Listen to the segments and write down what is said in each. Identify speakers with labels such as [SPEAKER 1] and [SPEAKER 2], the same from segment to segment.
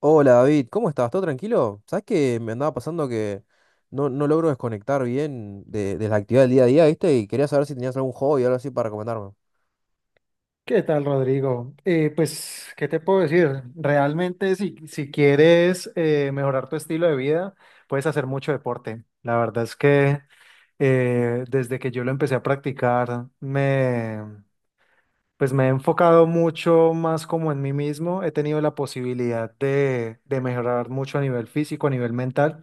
[SPEAKER 1] Hola David, ¿cómo estás? ¿Todo tranquilo? ¿Sabes que me andaba pasando que no logro desconectar bien de la actividad del día a día? ¿Viste? Y quería saber si tenías algún hobby o algo así para recomendarme.
[SPEAKER 2] ¿Qué tal, Rodrigo? Pues, ¿qué te puedo decir? Realmente, si quieres mejorar tu estilo de vida, puedes hacer mucho deporte. La verdad es que desde que yo lo empecé a practicar, me pues me he enfocado mucho más como en mí mismo, he tenido la posibilidad de mejorar mucho a nivel físico, a nivel mental,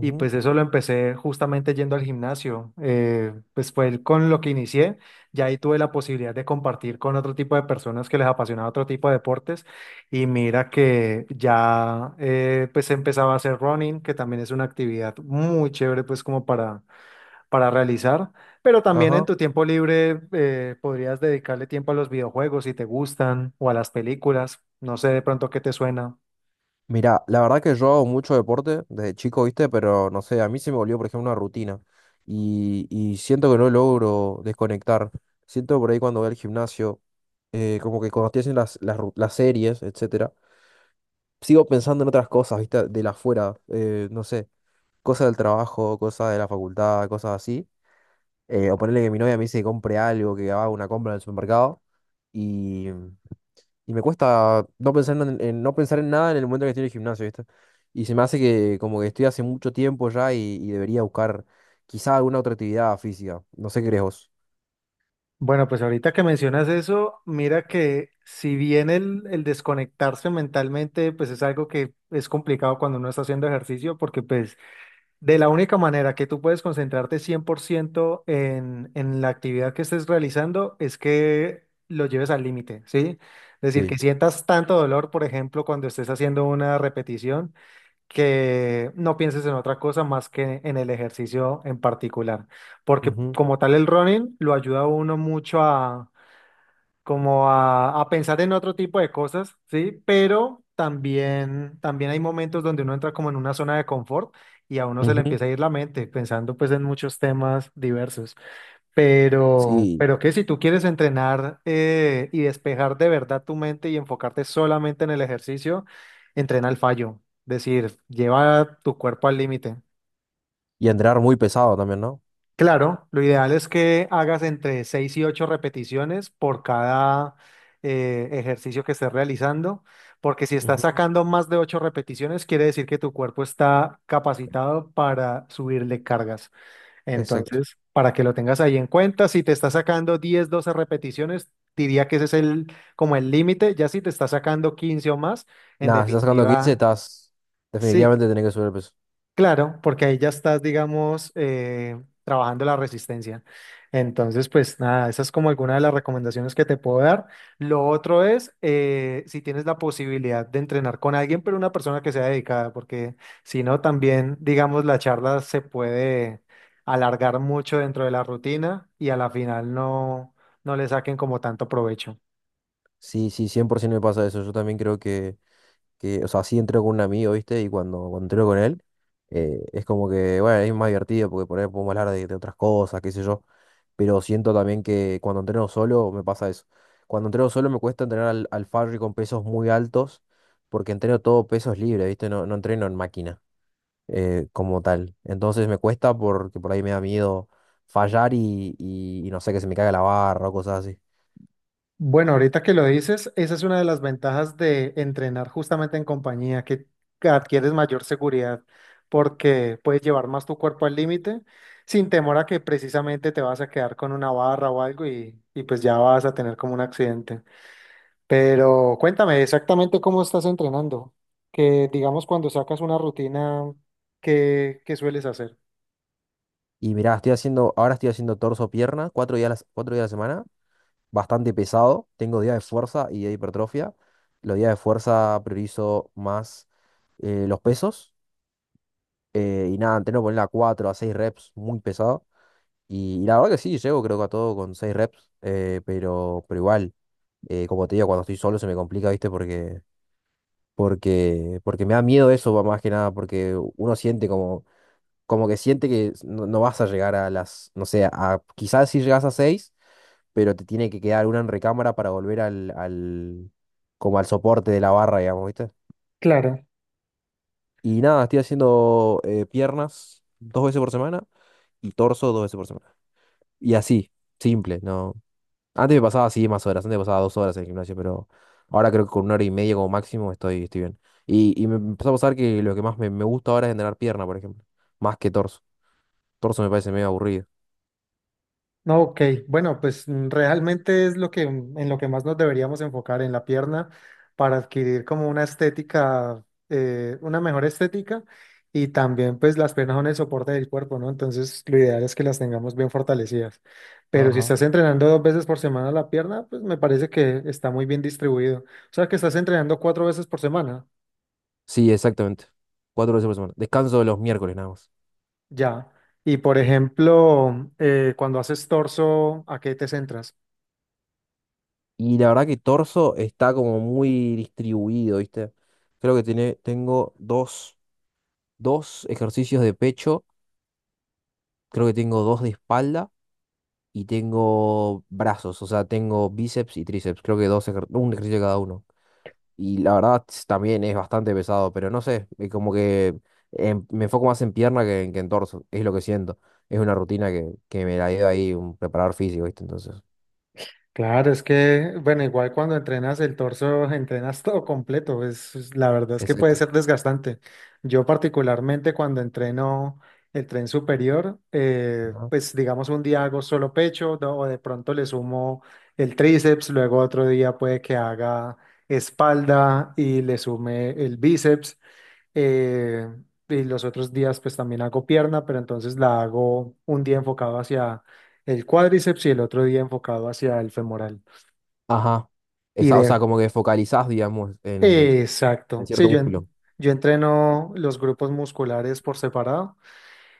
[SPEAKER 2] y pues eso lo empecé justamente yendo al gimnasio, pues fue con lo que inicié, ya ahí tuve la posibilidad de compartir con otro tipo de personas que les apasionaba otro tipo de deportes, y mira que ya pues empezaba a hacer running, que también es una actividad muy chévere pues como para realizar, pero también en
[SPEAKER 1] Ajá.
[SPEAKER 2] tu tiempo libre podrías dedicarle tiempo a los videojuegos si te gustan o a las películas, no sé de pronto qué te suena.
[SPEAKER 1] Mirá, la verdad que yo hago mucho deporte desde chico, ¿viste? Pero no sé, a mí se me volvió, por ejemplo, una rutina. Y siento que no logro desconectar. Siento por ahí cuando voy al gimnasio, como que cuando estoy haciendo las series, etcétera, sigo pensando en otras cosas, ¿viste? De la afuera, no sé. Cosas del trabajo, cosas de la facultad, cosas así. O ponerle que mi novia me dice que compre algo, que haga una compra en el supermercado. Y, y me cuesta no pensar no pensar en nada en el momento que estoy en el gimnasio, ¿viste? Y se me hace que como que estoy hace mucho tiempo ya y debería buscar quizá alguna otra actividad física. No sé qué crees vos.
[SPEAKER 2] Bueno, pues ahorita que mencionas eso, mira que si bien el desconectarse mentalmente, pues es algo que es complicado cuando uno está haciendo ejercicio, porque pues de la única manera que tú puedes concentrarte 100% en la actividad que estés realizando es que lo lleves al límite, ¿sí? Es decir,
[SPEAKER 1] Sí.
[SPEAKER 2] que sientas tanto dolor, por ejemplo, cuando estés haciendo una repetición, que no pienses en otra cosa más que en el ejercicio en particular. Porque
[SPEAKER 1] Ujú,
[SPEAKER 2] como tal el running lo ayuda a uno mucho a como a pensar en otro tipo de cosas, ¿sí? Pero también hay momentos donde uno entra como en una zona de confort y a uno se le
[SPEAKER 1] ujú.
[SPEAKER 2] empieza a ir la mente pensando pues en muchos temas diversos. Pero,
[SPEAKER 1] Sí.
[SPEAKER 2] pero que si tú quieres entrenar y despejar de verdad tu mente y enfocarte solamente en el ejercicio, entrena al fallo, es decir, lleva tu cuerpo al límite.
[SPEAKER 1] Y entrenar muy pesado también, ¿no?
[SPEAKER 2] Claro, lo ideal es que hagas entre 6 y 8 repeticiones por cada ejercicio que estés realizando, porque si estás
[SPEAKER 1] Ujú.
[SPEAKER 2] sacando más de 8 repeticiones, quiere decir que tu cuerpo está capacitado para subirle cargas.
[SPEAKER 1] Exacto.
[SPEAKER 2] Entonces, para que lo tengas ahí en cuenta, si te estás sacando 10, 12 repeticiones, diría que ese es como el límite, ya si te estás sacando 15 o más, en
[SPEAKER 1] Nada, si estás sacando 15,
[SPEAKER 2] definitiva.
[SPEAKER 1] estás...
[SPEAKER 2] Sí,
[SPEAKER 1] Definitivamente tenés que subir el peso.
[SPEAKER 2] claro, porque ahí ya estás, digamos, trabajando la resistencia. Entonces, pues nada, esa es como alguna de las recomendaciones que te puedo dar. Lo otro es, si tienes la posibilidad de entrenar con alguien, pero una persona que sea dedicada, porque si no, también, digamos, la charla se puede alargar mucho dentro de la rutina y a la final no le saquen como tanto provecho.
[SPEAKER 1] Sí, sí, 100% me pasa eso. Yo también creo o sea, sí entreno con un amigo, ¿viste? Y cuando entreno con él, es como que, bueno, es más divertido porque por ahí podemos hablar de otras cosas, qué sé yo. Pero siento también que cuando entreno solo me pasa eso. Cuando entreno solo me cuesta entrenar al Farri con pesos muy altos porque entreno todo pesos libres, ¿viste? No entreno en máquina como tal. Entonces me cuesta porque por ahí me da miedo fallar y no sé, que se me caiga la barra o cosas así.
[SPEAKER 2] Bueno, ahorita que lo dices, esa es una de las ventajas de entrenar justamente en compañía, que adquieres mayor seguridad porque puedes llevar más tu cuerpo al límite sin temor a que precisamente te vas a quedar con una barra o algo y pues ya vas a tener como un accidente. Pero cuéntame exactamente cómo estás entrenando, que digamos cuando sacas una rutina, ¿qué sueles hacer?
[SPEAKER 1] Y mirá, estoy haciendo, ahora estoy haciendo torso-pierna, cuatro días a la semana bastante pesado. Tengo días de fuerza y de hipertrofia. Los días de fuerza priorizo más los pesos. Y nada, entreno poner a 4 a 6 reps, muy pesado. Y la verdad que sí, llego creo que a todo con 6 reps. Pero igual, como te digo, cuando estoy solo se me complica, ¿viste? Porque me da miedo eso, va, más que nada, porque uno siente como, como que siente que no vas a llegar a las, no sé, a, quizás si llegas a seis, pero te tiene que quedar una en recámara para volver como al soporte de la barra, digamos, ¿viste?
[SPEAKER 2] Claro.
[SPEAKER 1] Y nada, estoy haciendo piernas dos veces por semana y torso dos veces por semana. Y así, simple, ¿no? Antes me pasaba así más horas, antes me pasaba dos horas en el gimnasio, pero ahora creo que con una hora y media como máximo estoy, estoy bien. Y me empezó a pasar que lo que más me gusta ahora es entrenar pierna, por ejemplo, más que torso. Torso me parece medio aburrido.
[SPEAKER 2] No, ok. Bueno, pues realmente es lo que en lo que más nos deberíamos enfocar en la pierna para adquirir como una estética, una mejor estética y también pues las piernas son el soporte del cuerpo, ¿no? Entonces lo ideal es que las tengamos bien fortalecidas. Pero si
[SPEAKER 1] Ajá.
[SPEAKER 2] estás entrenando dos veces por semana la pierna, pues me parece que está muy bien distribuido. O sea que estás entrenando cuatro veces por semana,
[SPEAKER 1] Sí, exactamente. Cuatro veces por semana. Descanso los miércoles nada más.
[SPEAKER 2] ya. Y por ejemplo, cuando haces torso, ¿a qué te centras?
[SPEAKER 1] Y la verdad que torso está como muy distribuido, ¿viste? Creo que tengo dos ejercicios de pecho, creo que tengo dos de espalda y tengo brazos, o sea, tengo bíceps y tríceps, creo que un ejercicio cada uno. Y la verdad también es bastante pesado, pero no sé, como que me enfoco más en pierna que en torso, es lo que siento. Es una rutina que me la dio ahí un preparador físico, ¿viste? Entonces,
[SPEAKER 2] Claro, es que, bueno, igual cuando entrenas el torso, entrenas todo completo. La verdad es que puede
[SPEAKER 1] exacto.
[SPEAKER 2] ser desgastante. Yo particularmente cuando entreno el tren superior, pues digamos un día hago solo pecho, o de pronto le sumo el tríceps, luego otro día puede que haga espalda y le sume el bíceps eh, y los otros días pues también hago pierna, pero entonces la hago un día enfocado hacia el cuádriceps y el otro día enfocado hacia el femoral.
[SPEAKER 1] Ajá.
[SPEAKER 2] Y
[SPEAKER 1] Esa, o
[SPEAKER 2] de...
[SPEAKER 1] sea, como que focalizás, digamos, en
[SPEAKER 2] Exacto. Sí,
[SPEAKER 1] cierto
[SPEAKER 2] yo, en-
[SPEAKER 1] músculo.
[SPEAKER 2] yo entreno los grupos musculares por separado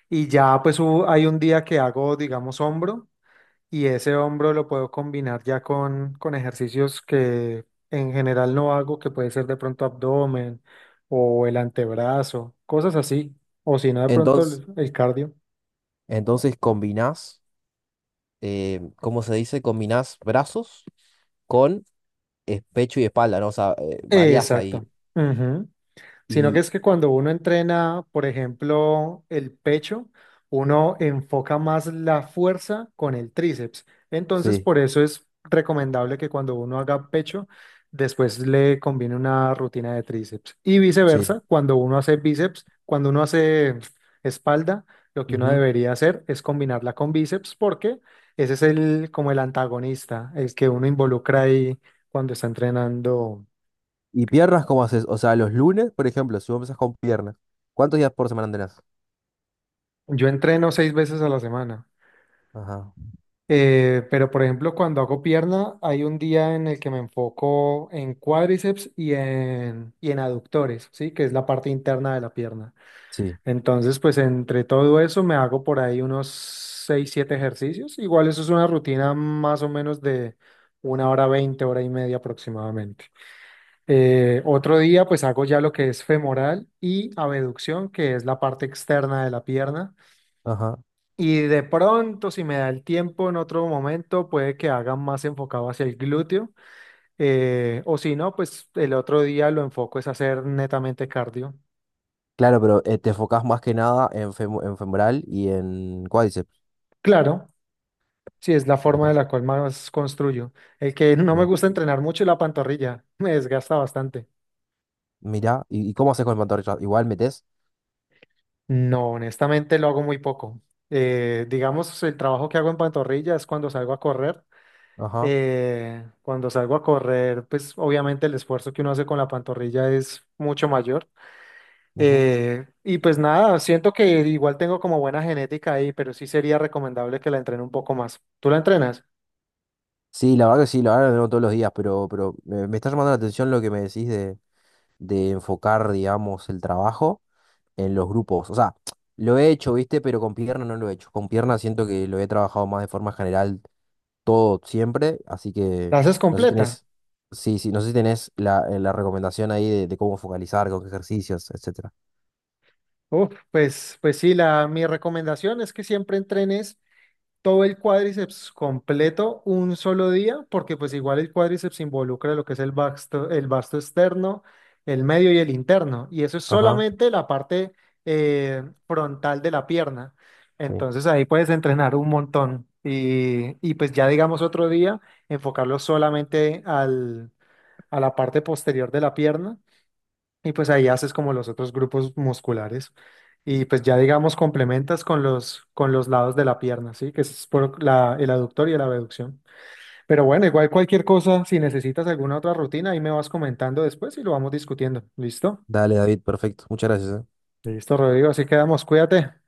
[SPEAKER 2] y ya pues hay un día que hago, digamos, hombro. Y ese hombro lo puedo combinar ya con ejercicios que en general no hago, que puede ser de pronto abdomen o el antebrazo, cosas así. O si no, de pronto
[SPEAKER 1] Entonces,
[SPEAKER 2] el cardio.
[SPEAKER 1] entonces combinás, ¿cómo se dice? Combinás brazos con pecho y espalda, ¿no? O sea, variás ahí.
[SPEAKER 2] Exacto. Sino que
[SPEAKER 1] Y
[SPEAKER 2] es que cuando uno entrena, por ejemplo, el pecho, uno enfoca más la fuerza con el tríceps. Entonces,
[SPEAKER 1] sí,
[SPEAKER 2] por eso es recomendable que cuando uno haga pecho, después le combine una rutina de tríceps. Y
[SPEAKER 1] sí.
[SPEAKER 2] viceversa, cuando uno hace espalda, lo que uno
[SPEAKER 1] Ujú.
[SPEAKER 2] debería hacer es combinarla con bíceps porque ese es el como el antagonista, el que uno involucra ahí cuando está entrenando.
[SPEAKER 1] ¿Y piernas cómo haces? O sea, los lunes, por ejemplo, si vos empezás con piernas, ¿cuántos días por semana tenés?
[SPEAKER 2] Yo entreno seis veces a la semana.
[SPEAKER 1] Ajá.
[SPEAKER 2] Pero por ejemplo, cuando hago pierna, hay un día en el que me enfoco en cuádriceps y en aductores, ¿sí? Que es la parte interna de la pierna.
[SPEAKER 1] Sí.
[SPEAKER 2] Entonces, pues entre todo eso me hago por ahí unos 6 7 ejercicios. Igual eso es una rutina más o menos de una hora 20 hora y media aproximadamente. Otro día, pues hago ya lo que es femoral y abducción, que es la parte externa de la pierna
[SPEAKER 1] Ajá.
[SPEAKER 2] y de pronto, si me da el tiempo en otro momento, puede que haga más enfocado hacia el glúteo. O si no, pues el otro día lo enfoco es hacer netamente cardio.
[SPEAKER 1] Claro, pero te enfocás más que nada en, en femoral y en cuádriceps.
[SPEAKER 2] Claro, si es la forma de
[SPEAKER 1] Mira,
[SPEAKER 2] la cual más construyo. El que no me
[SPEAKER 1] bien.
[SPEAKER 2] gusta entrenar mucho es la pantorrilla. Me desgasta bastante.
[SPEAKER 1] Mira, y cómo haces con el pantorrilla? Igual metes.
[SPEAKER 2] No, honestamente lo hago muy poco. Digamos, el trabajo que hago en pantorrilla es cuando salgo a correr.
[SPEAKER 1] Ajá.
[SPEAKER 2] Cuando salgo a correr, pues obviamente el esfuerzo que uno hace con la pantorrilla es mucho mayor.
[SPEAKER 1] Ujú.
[SPEAKER 2] Y pues nada, siento que igual tengo como buena genética ahí, pero sí sería recomendable que la entrene un poco más. ¿Tú la entrenas?
[SPEAKER 1] Sí, la verdad que sí, la verdad que lo veo todos los días, pero me está llamando la atención lo que me decís de enfocar, digamos, el trabajo en los grupos. O sea, lo he hecho, ¿viste? Pero con pierna no lo he hecho. Con pierna siento que lo he trabajado más de forma general todo, siempre. Así que
[SPEAKER 2] ¿La haces
[SPEAKER 1] no sé si
[SPEAKER 2] completa?
[SPEAKER 1] tenés, sí, sí, no sé si tenés la, la recomendación ahí de cómo focalizar, con qué ejercicios, etcétera.
[SPEAKER 2] Uf, pues sí, mi recomendación es que siempre entrenes todo el cuádriceps completo un solo día, porque pues igual el cuádriceps involucra lo que es el vasto externo, el medio y el interno, y eso es
[SPEAKER 1] Ajá.
[SPEAKER 2] solamente la parte frontal de la pierna.
[SPEAKER 1] Sí.
[SPEAKER 2] Entonces ahí puedes entrenar un montón y pues ya digamos otro día enfocarlo solamente al, a la parte posterior de la pierna y pues ahí haces como los otros grupos musculares. Y pues ya digamos complementas con los lados de la pierna, ¿sí? Que es por la, el aductor y la abducción. Pero bueno, igual cualquier cosa, si necesitas alguna otra rutina, ahí me vas comentando después y lo vamos discutiendo. ¿Listo?
[SPEAKER 1] Dale, David, perfecto. Muchas gracias, ¿eh?
[SPEAKER 2] Listo, Rodrigo, así quedamos, cuídate.